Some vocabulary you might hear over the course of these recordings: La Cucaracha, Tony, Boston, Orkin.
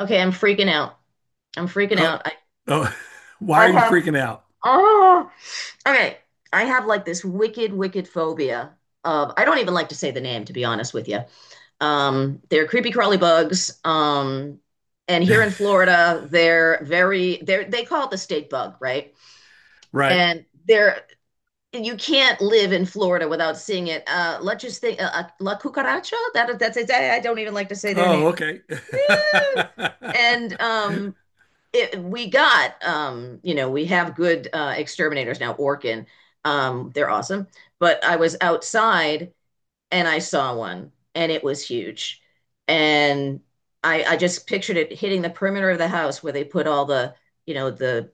Okay, I'm freaking out. I'm freaking Oh, out. Oh, why are I you have freaking out? oh, okay. I have like this wicked, wicked phobia of I don't even like to say the name, to be honest with you. They're creepy crawly bugs. And here in Florida, they call it the state bug, right? Right. And they're you can't live in Florida without seeing it. Let's just think, La Cucaracha. That's it. I don't even like to say their Oh, names. okay. Yeah. And we got we have good exterminators now, Orkin. They're awesome, but I was outside and I saw one and it was huge. And I just pictured it hitting the perimeter of the house where they put all the, you know the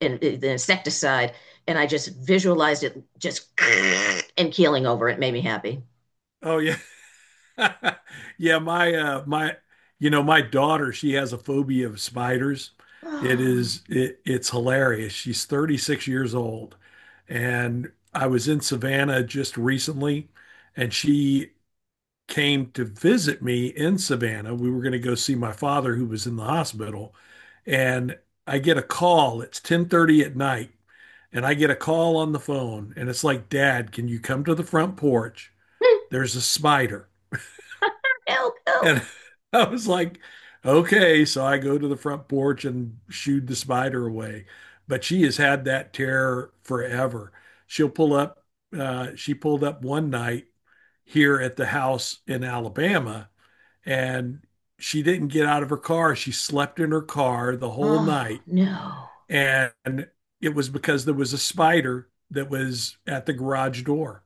the insecticide. And I just visualized it just and keeling over. It made me happy. Oh yeah. Yeah, my you know, my daughter, she has a phobia of spiders. It Oh. is it's hilarious. She's 36 years old. And I was in Savannah just recently and she came to visit me in Savannah. We were going to go see my father who was in the hospital and I get a call. It's 10:30 at night, and I get a call on the phone, and it's like, Dad, can you come to the front porch? There's a spider. Help, And help. I was like, okay. So I go to the front porch and shooed the spider away. But she has had that terror forever. She'll pull up, she pulled up one night here at the house in Alabama, and she didn't get out of her car. She slept in her car the whole Oh night. no. And it was because there was a spider that was at the garage door.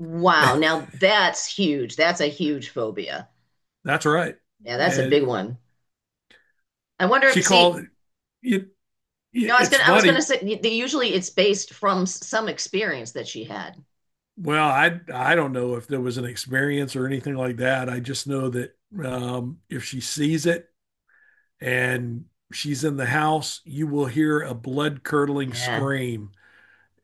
Wow, now that's huge. That's a huge phobia. That's right. Yeah, that's a big And one. I wonder she if, called see, it, no, it I was it's gonna funny. say usually it's based from some experience that she had. Well, I don't know if there was an experience or anything like that. I just know that if she sees it and she's in the house, you will hear a blood curdling Yeah. scream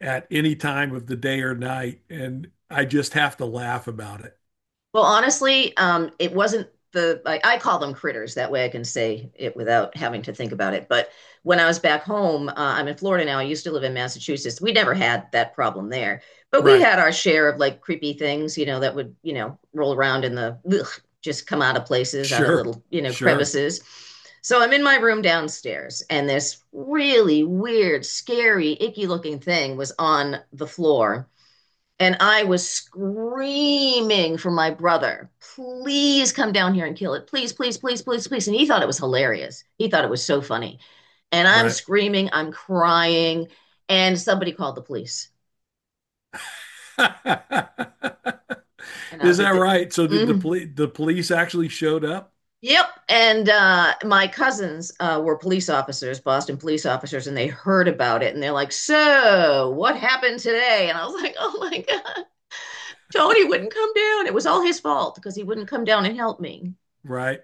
at any time of the day or night, and I just have to laugh about it. Well, honestly, it wasn't I call them critters. That way I can say it without having to think about it. But when I was back home, I'm in Florida now. I used to live in Massachusetts. We never had that problem there, but we Right? had our share of like creepy things, you know, that would, you know, roll around in the, ugh, just come out of places, out of Sure. little, you know, Sure. crevices. So I'm in my room downstairs, and this really weird, scary, icky looking thing was on the floor, and I was screaming for my brother, please come down here and kill it. Please, please, please, please, please. And he thought it was hilarious. He thought it was so funny. And I'm Right. screaming, I'm crying. And somebody called the police. And I was Is that like, right? So did mm, the police actually showed up? yep. And my cousins were police officers, Boston police officers, and they heard about it. And they're like, so what happened today? And I was like, oh my God, Tony wouldn't come down. It was all his fault because he wouldn't come down and help me. Right.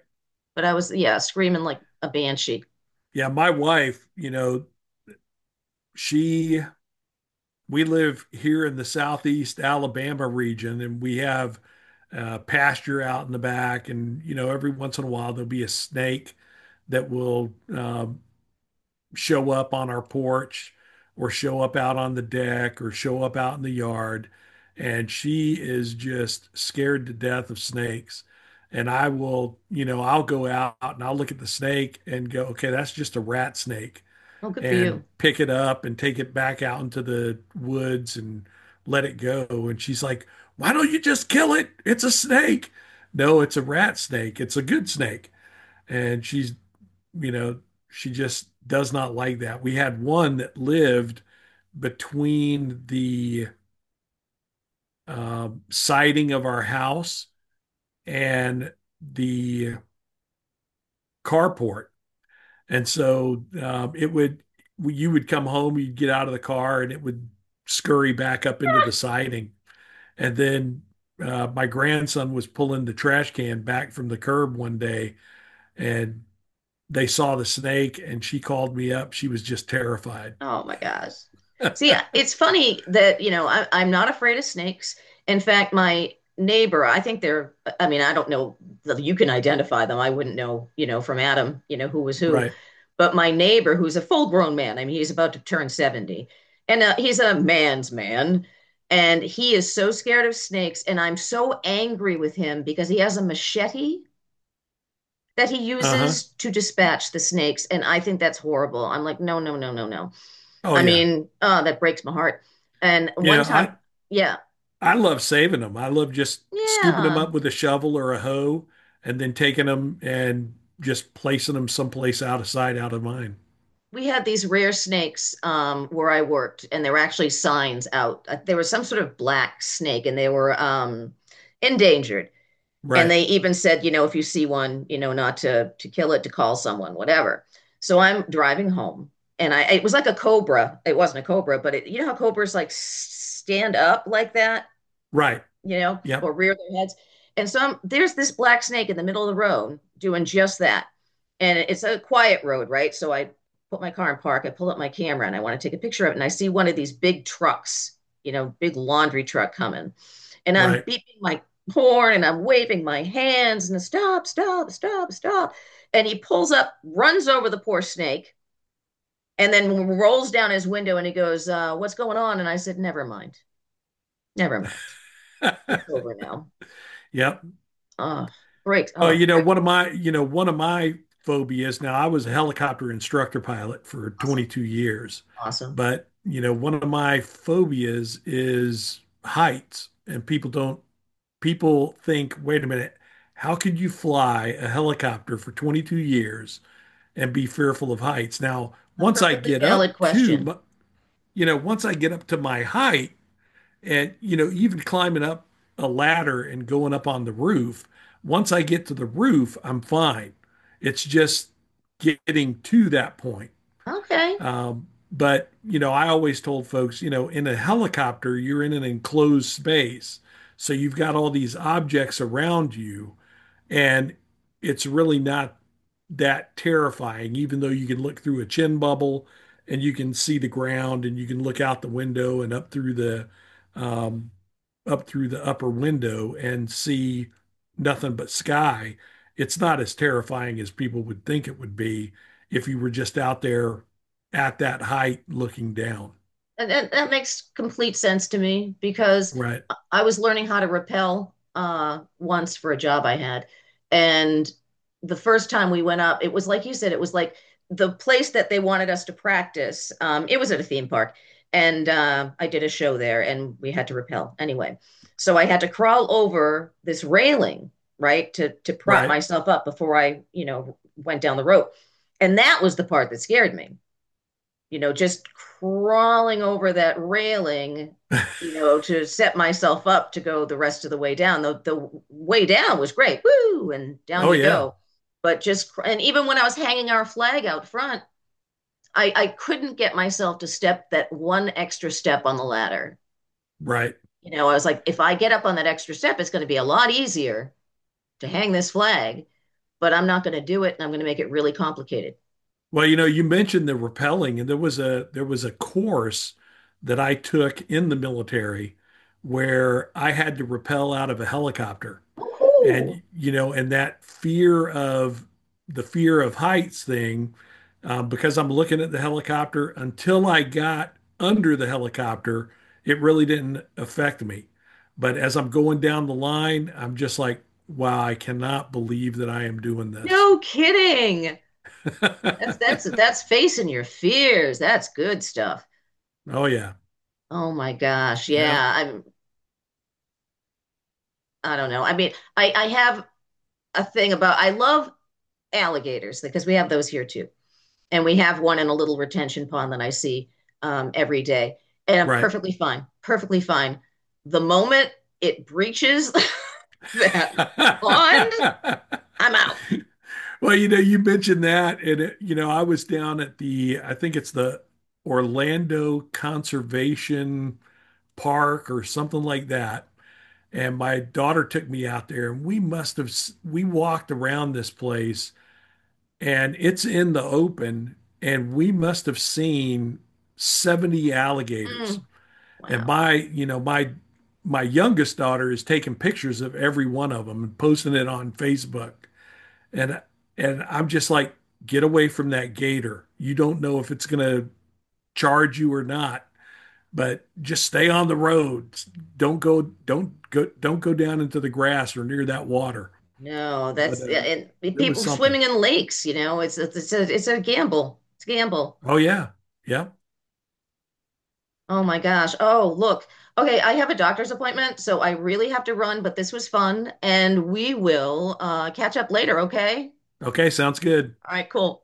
But I was, yeah, screaming like a banshee. Yeah, my wife, you know, she we live here in the southeast Alabama region, and we have pasture out in the back, and you know every once in a while there'll be a snake that will show up on our porch or show up out on the deck or show up out in the yard. And she is just scared to death of snakes. And I will, you know, I'll go out and I'll look at the snake and go, okay, that's just a rat snake, Oh, good for and you. pick it up and take it back out into the woods and let it go. And she's like, why don't you just kill it? It's a snake. No, it's a rat snake. It's a good snake. And she's you know, she just does not like that. We had one that lived between the siding of our house and the carport. And so it would, you would come home, you'd get out of the car, and it would scurry back up into the siding. And then my grandson was pulling the trash can back from the curb one day, and they saw the snake, and she called me up. She was just terrified. Oh my gosh. See, it's funny that, you know, I'm not afraid of snakes. In fact, my neighbor, I think they're, I mean, I don't know that you can identify them. I wouldn't know, you know, from Adam, you know, who was who. Right. But my neighbor, who's a full grown man, I mean, he's about to turn 70, and he's a man's man. And he is so scared of snakes. And I'm so angry with him because he has a machete that he Uh-huh. uses to dispatch the snakes. And I think that's horrible. I'm like, no, no, no, no, no. Oh I yeah. mean, oh, that breaks my heart. And You one know, time, I yeah, I love saving them. I love just scooping them yeah, up with a shovel or a hoe and then taking them and just placing them someplace out of sight, out of mind. we had these rare snakes where I worked, and there were actually signs out. There was some sort of black snake, and they were endangered. And Right. they even said, you know, if you see one, you know, not to kill it, to call someone, whatever. So I'm driving home, and I it was like a cobra. It wasn't a cobra, but it, you know how cobras like stand up like that, Right. you know, Yep. or rear their heads. And so I'm, there's this black snake in the middle of the road doing just that. And it's a quiet road, right? So I put my car in park. I pull up my camera and I want to take a picture of it. And I see one of these big trucks, you know, big laundry truck coming, and I'm Right. beeping my horn and I'm waving my hands and stop, stop, stop, stop. And he pulls up, runs over the poor snake, and then rolls down his window and he goes, what's going on? And I said, never mind. Never mind. It's over now. Yep. Oh, great. Oh, Oh, you know, great. One of my phobias now, I was a helicopter instructor pilot for Awesome. 22 years, Awesome. but you know, one of my phobias is heights, and people don't people think, wait a minute, how could you fly a helicopter for 22 years and be fearful of heights? Now, A once I perfectly get valid up question. to, you know, once I get up to my height and, you know, even climbing up a ladder and going up on the roof, once I get to the roof, I'm fine. It's just getting to that point. Okay. But you know, I always told folks, you know, in a helicopter, you're in an enclosed space, so you've got all these objects around you, and it's really not that terrifying, even though you can look through a chin bubble and you can see the ground and you can look out the window and um, up through the upper window and see nothing but sky. It's not as terrifying as people would think it would be if you were just out there at that height looking down. And that, that makes complete sense to me because Right. I was learning how to rappel once for a job I had. And the first time we went up, it was like you said, it was like the place that they wanted us to practice. It was at a theme park. And I did a show there and we had to rappel anyway. So I had to crawl over this railing, right, to prop Right. myself up before I, you know, went down the rope. And that was the part that scared me, you know, just crawling over that railing, you know, to set myself up to go the rest of the way down. The way down was great. Woo! And down Oh you yeah. go. But just and even when I was hanging our flag out front, I couldn't get myself to step that one extra step on the ladder. Right. You know, I was like, if I get up on that extra step, it's going to be a lot easier to hang this flag, but I'm not going to do it and I'm going to make it really complicated. Well, you know, you mentioned the rappelling, and there was a course that I took in the military where I had to rappel out of a helicopter. Oh, And you know, and that fear of the fear of heights thing, because I'm looking at the helicopter until I got under the helicopter, it really didn't affect me. But as I'm going down the line, I'm just like, wow, I cannot believe that I am doing this. no kidding. That's that's facing your fears. That's good stuff. Oh yeah. Oh my gosh. Yeah. Yeah. I'm I don't know. I mean, I have a thing about I love alligators because we have those here too. And we have one in a little retention pond that I see every day. And I'm Right. perfectly fine. Perfectly fine. The moment it breaches that pond, I'm out. Well, you know, you mentioned that, and it, you know, I was down at the, I think it's the Orlando Conservation Park or something like that, and my daughter took me out there, and we must have s- we walked around this place, and it's in the open, and we must have seen 70 alligators. Mm, And wow. my, you know, my youngest daughter is taking pictures of every one of them and posting it on Facebook, and and I'm just like, get away from that gator. You don't know if it's going to charge you or not, but just stay on the road. Don't go down into the grass or near that water. No, But that's yeah, and it was people something. swimming in lakes, you know, it's a it's a gamble. It's a gamble. Oh yeah, yeah. Oh my gosh. Oh, look. Okay, I have a doctor's appointment, so I really have to run, but this was fun, and we will catch up later, okay? Okay, sounds good. All right, cool.